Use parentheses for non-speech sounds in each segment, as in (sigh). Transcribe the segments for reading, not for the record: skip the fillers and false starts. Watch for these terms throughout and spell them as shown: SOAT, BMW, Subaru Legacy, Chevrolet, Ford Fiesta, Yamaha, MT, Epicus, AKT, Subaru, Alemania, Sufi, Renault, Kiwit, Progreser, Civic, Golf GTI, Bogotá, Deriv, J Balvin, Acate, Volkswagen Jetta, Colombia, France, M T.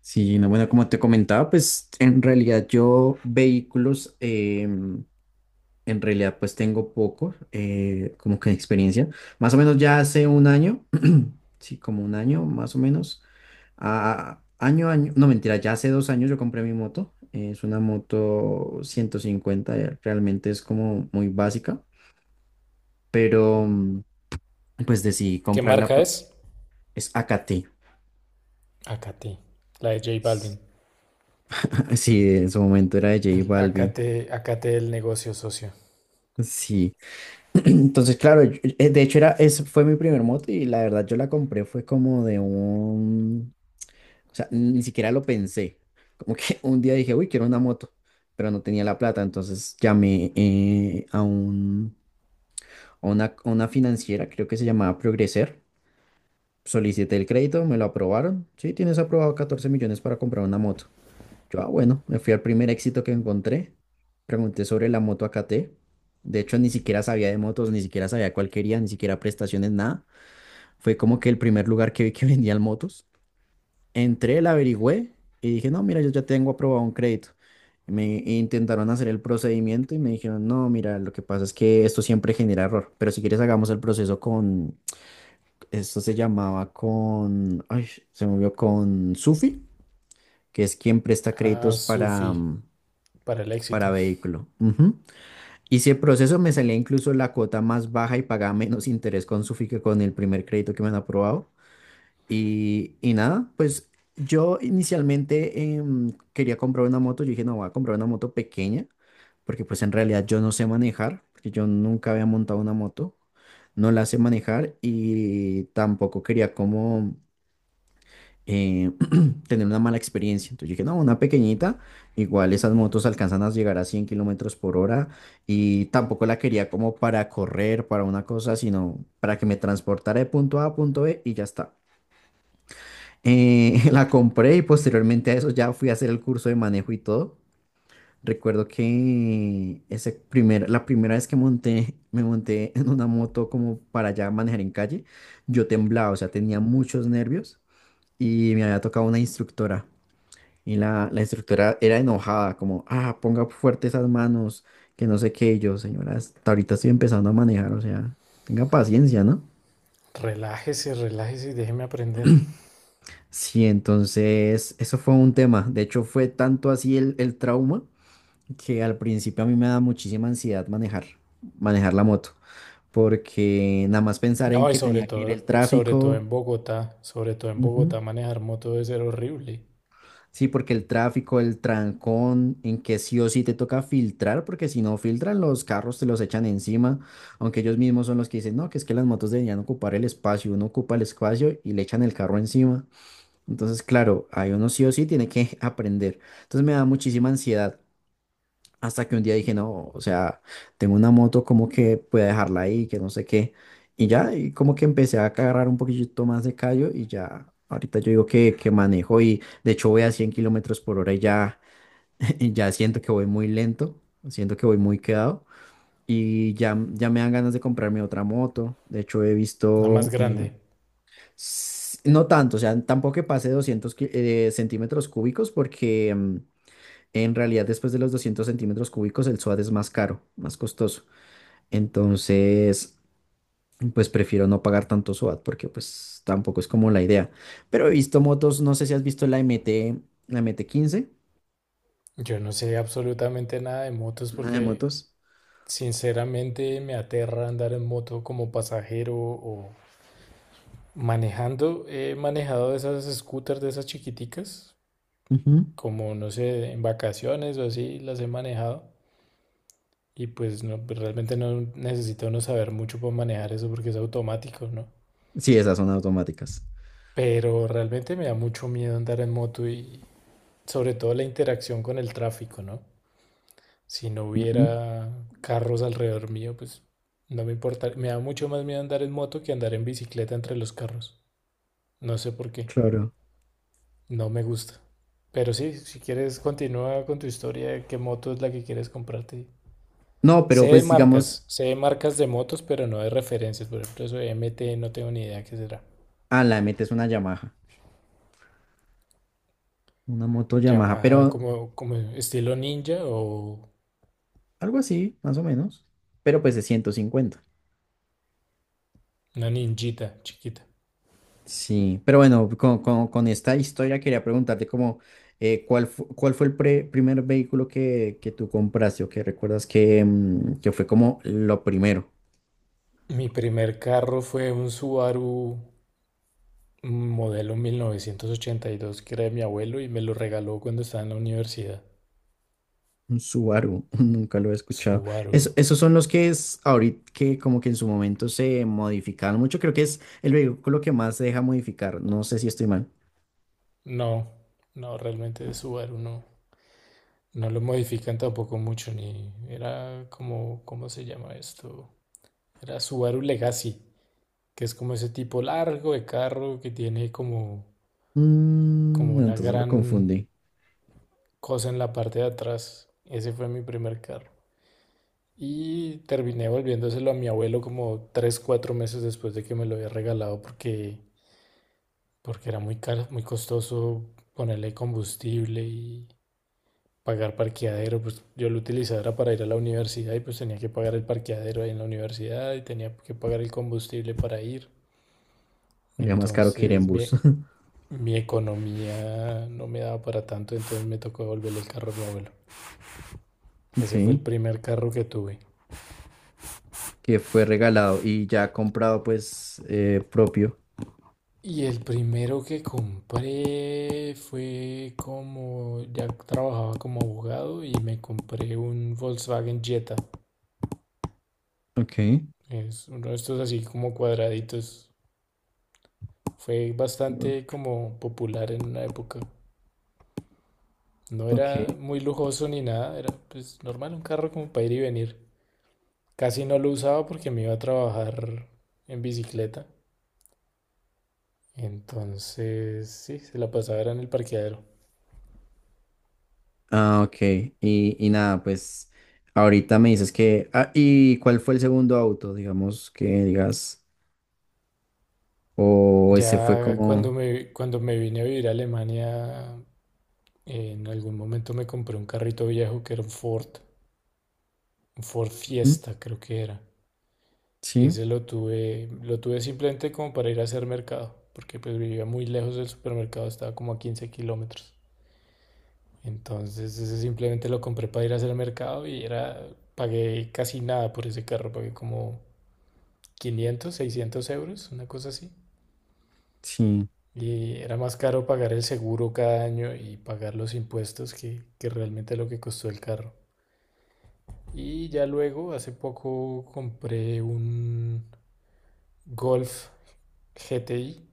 Sí, no, bueno, como te comentaba, pues en realidad yo vehículos, en realidad pues tengo poco, como que experiencia. Más o menos ya hace un año, (clears throat) sí, como un año más o menos, no mentira, ya hace 2 años yo compré mi moto. Es una moto 150, realmente es como muy básica, pero pues decidí ¿Qué comprarla marca porque es? es AKT. Acate, la de J Balvin. (laughs) Sí, en su momento era de J El Balvin. acate, acate el negocio, socio. Sí. Entonces, claro, de hecho fue mi primer moto y la verdad yo la compré fue como o sea, ni siquiera lo pensé. Como que (laughs) un día dije, uy, quiero una moto, pero no tenía la plata, entonces llamé a una financiera, creo que se llamaba Progreser, solicité el crédito, me lo aprobaron, sí, tienes aprobado 14 millones para comprar una moto. Yo, ah, bueno, me fui al primer éxito que encontré. Pregunté sobre la moto AKT. De hecho, ni siquiera sabía de motos, ni siquiera sabía cuál quería, ni siquiera prestaciones, nada. Fue como que el primer lugar que vi que (laughs) vendían motos. Entré, la averigüé y dije, no, mira, yo ya tengo aprobado un crédito. Me intentaron hacer el procedimiento y me dijeron, no, mira, lo que pasa es que esto siempre genera error, pero si quieres hagamos el proceso con, esto se llamaba con, se movió con Sufi, que es quien presta Ah, créditos para, Sufi, para el éxito. para vehículo. Ujú. Y si el proceso me salía incluso la cuota más baja y pagaba menos interés con su que con el primer crédito que me han aprobado. Y nada, pues yo inicialmente quería comprar una moto. Yo dije, no, voy a comprar una moto pequeña, porque pues en realidad yo no sé manejar, porque yo nunca había montado una moto, no la sé manejar y tampoco quería como... eh, tener una mala experiencia. Entonces yo dije, no, una pequeñita, igual esas motos alcanzan a llegar a 100 kilómetros por hora y tampoco la quería como para correr, para una cosa, sino para que me transportara de punto A a punto B y ya está. (laughs) La compré y posteriormente a eso ya fui a hacer el curso de manejo y todo. Recuerdo que la primera vez me monté (laughs) en una moto como para ya manejar en calle, yo temblaba, o sea, tenía muchos nervios y me había tocado una instructora. Y la instructora era enojada, como, ah, ponga fuerte esas manos, que no sé qué, y yo, señora, hasta ahorita estoy empezando a manejar, o sea, tenga paciencia, ¿no? Relájese, relájese y déjeme aprender. Sí, entonces, eso fue un tema. De hecho, fue tanto así el trauma que al principio a mí me da muchísima ansiedad manejar la moto, porque nada más pensar en No, y que tenía que ir el sobre todo tráfico. en Bogotá, sobre todo en Ujú. Bogotá, manejar moto debe ser horrible. Sí, porque el tráfico, el trancón, en que sí o sí te toca filtrar, porque si no filtran, los carros te los echan encima, aunque ellos mismos son los que dicen, no, que es que las motos deberían ocupar el espacio, uno ocupa el espacio y le echan el carro encima. Entonces, claro, ahí uno sí o sí tiene que (laughs) aprender. Entonces me da muchísima ansiedad. Hasta que un día dije, no, o sea, tengo una moto, como que puedo dejarla ahí, que no sé qué. Y ya, y como que empecé a agarrar un poquito más de callo y ya, ahorita yo digo que, manejo y de hecho voy a 100 kilómetros por hora y ya, (laughs) y ya siento que voy muy lento, siento que voy muy quedado y ya, ya me dan ganas de comprarme otra moto. De hecho, he Nada más visto, grande. No tanto, o sea, tampoco que pase 200 centímetros cúbicos porque en realidad, después de los 200 centímetros cúbicos, el SOAT es más caro, más costoso. Entonces, pues prefiero no pagar tanto SOAT porque pues tampoco es como la idea. Pero he visto motos, no sé si has visto la MT, la MT-15, Yo no sé absolutamente nada de motos una de porque motos. sinceramente me aterra andar en moto como pasajero o manejando. He manejado esas scooters de esas chiquiticas, Ujú. como no sé, en vacaciones o así las he manejado y pues no, pues, realmente no necesita uno saber mucho para manejar eso porque es automático, ¿no? Sí, esas son automáticas. Pero realmente me da mucho miedo andar en moto y sobre todo la interacción con el tráfico, ¿no? Si no Ujú, hubiera carros alrededor mío, pues no me importa. Me da mucho más miedo andar en moto que andar en bicicleta entre los carros. No sé por qué. claro. No me gusta. Pero sí, si quieres continúa con tu historia, ¿qué moto es la que quieres comprarte? No, pero pues digamos, Sé de marcas de motos, pero no de referencias. Por ejemplo, eso de MT no tengo ni idea qué será. La MT es una Yamaha, una moto Yamaha, Yamaha pero como estilo ninja o algo así, más o menos, pero pues de 150. una ninjita chiquita. Sí, pero bueno, con esta historia quería preguntarte como, cuál fue el primer vehículo que, tú compraste o que recuerdas que fue como lo primero? Mi primer carro fue un Subaru modelo 1982 que era de mi abuelo y me lo regaló cuando estaba en la universidad. Un Subaru, (laughs) nunca lo he escuchado. Subaru. Esos son los que es ahorita que como que en su momento se modificaron mucho, creo que es el vehículo que más se deja modificar, no sé si estoy mal. No, no, realmente de Subaru no. No lo modifican tampoco mucho, ni era como, ¿cómo se llama esto? Era Subaru Legacy, que es como ese tipo largo de carro que tiene como, Mm, como no, una entonces lo gran confundí. cosa en la parte de atrás. Ese fue mi primer carro. Y terminé volviéndoselo a mi abuelo como 3 4 meses después de que me lo había regalado porque era muy caro, muy costoso ponerle combustible y pagar parqueadero. Pues yo lo utilizaba era para ir a la universidad y pues tenía que pagar el parqueadero ahí en la universidad y tenía que pagar el combustible para ir. Sería más caro que ir en Entonces, bus. (laughs) bien, mi economía no me daba para tanto, entonces me tocó devolverle el carro a mi abuelo. Ok, Ese fue el primer carro que tuve. que fue regalado y ya comprado pues propio. Y el primero que compré fue como, ya trabajaba como abogado y me compré un Volkswagen Jetta. Ok, Es uno de estos así como cuadraditos. Fue golf, bastante como popular en una época. No era ok. muy lujoso ni nada, era pues normal, un carro como para ir y venir. Casi no lo usaba porque me iba a trabajar en bicicleta. Entonces, sí, se la pasaba era en el parqueadero. Ah, ok. Y nada, pues ahorita me dices que. Ah, ¿y cuál fue el segundo auto? Digamos que digas. O ese fue Ya cuando como. me, cuando me vine a vivir a Alemania, en algún momento me compré un carrito viejo que era un Ford ¿Mm? Fiesta creo que era. Y Sí, ese lo tuve simplemente como para ir a hacer mercado, porque pues vivía muy lejos del supermercado, estaba como a 15 kilómetros. Entonces ese simplemente lo compré para ir a hacer mercado y era, pagué casi nada por ese carro, pagué como 500 600 euros, una cosa así. sí. Y era más caro pagar el seguro cada año y pagar los impuestos que realmente lo que costó el carro. Y ya luego, hace poco, compré un Golf GTI,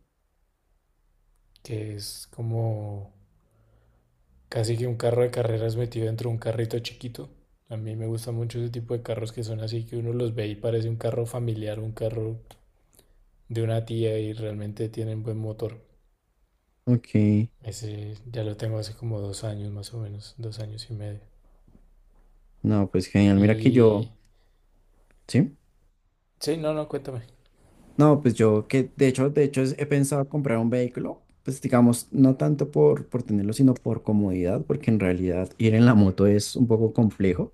que es como casi que un carro de carreras metido dentro de un carrito chiquito. A mí me gusta mucho ese tipo de carros que son así, que uno los ve y parece un carro familiar, un carro de una tía y realmente tienen buen motor. Ok. Ese ya lo tengo hace como dos años más o menos, dos años y medio. No, pues genial. Mira que Y yo. Sí. sí, no, no, cuéntame. No, pues yo que de hecho he pensado comprar un vehículo. Pues digamos, no tanto por tenerlo, sino por comodidad, porque en realidad ir en la moto es un poco complejo.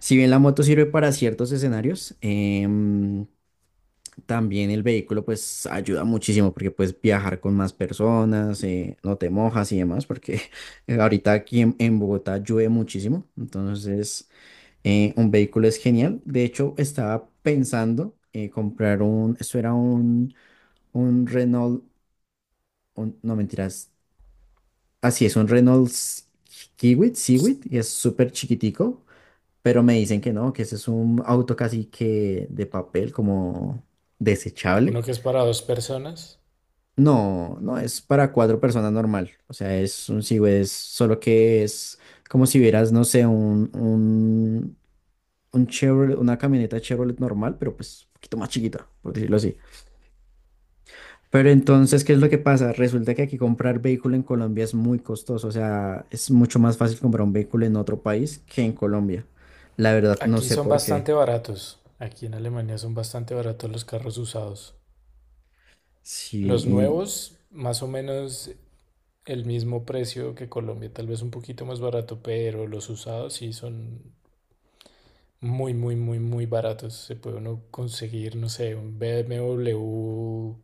Si bien la moto sirve para ciertos escenarios, también el vehículo pues ayuda muchísimo porque puedes viajar con más personas, no te mojas y demás, porque (laughs) ahorita aquí en Bogotá llueve muchísimo, entonces un vehículo es genial. De hecho, estaba pensando comprar un Renault, no mentiras, así es, un Renault Kiwit, Civic, y es súper chiquitico, pero me dicen que no, que ese es un auto casi que de papel, como Uno desechable. que es para dos personas. No, no es para cuatro personas normal. O sea, es solo que es como si vieras, no sé, un Chevrolet, una camioneta Chevrolet normal, pero pues un poquito más chiquita, por decirlo así. Pero entonces, ¿qué es lo que pasa? Resulta que aquí comprar vehículo en Colombia es muy costoso. O sea, es mucho más fácil comprar un vehículo en otro país que en Colombia. La verdad, no Aquí sé son por qué. bastante baratos. Aquí en Alemania son bastante baratos los carros usados. Sí, Los nuevos, más o menos el mismo precio que Colombia, tal vez un poquito más barato, pero los usados sí son muy, muy, muy, muy baratos. Se puede uno conseguir, no sé, un BMW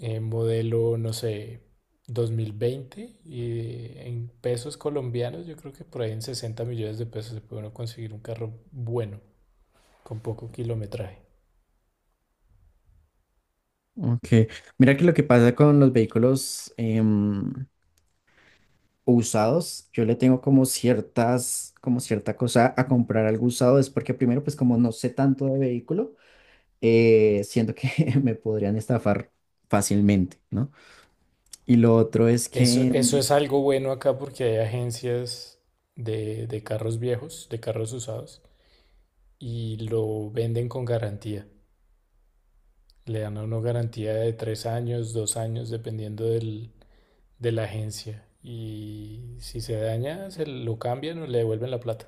modelo, no sé, 2020 y en pesos colombianos, yo creo que por ahí en 60 millones de pesos se puede uno conseguir un carro bueno, con poco kilometraje. ok. Mira que lo que pasa con los vehículos, usados, yo le tengo como como cierta cosa a comprar algo usado, es porque primero, pues como no sé tanto de vehículo, siento que (laughs) me podrían estafar fácilmente, ¿no? Y lo otro es Eso, que, eso mm. es algo bueno acá porque hay agencias de carros viejos, de carros usados, y lo venden con garantía. Le dan a uno garantía de tres años, dos años, dependiendo de la agencia. Y si se daña, se lo cambian o le devuelven la plata.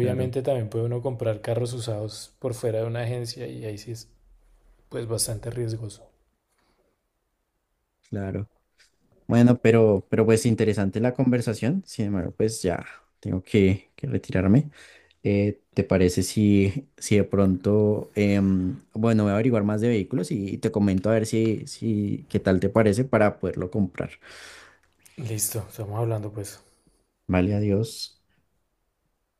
Claro, también puede uno comprar carros usados por fuera de una agencia y ahí sí es pues bastante riesgoso. claro. Bueno, pero pues interesante la conversación, sin embargo, pues ya tengo que, retirarme. ¿Te parece si, de pronto, bueno, voy a averiguar más de vehículos y, te comento a ver si, qué tal te parece para poderlo comprar? Listo, estamos hablando pues. Vale, adiós.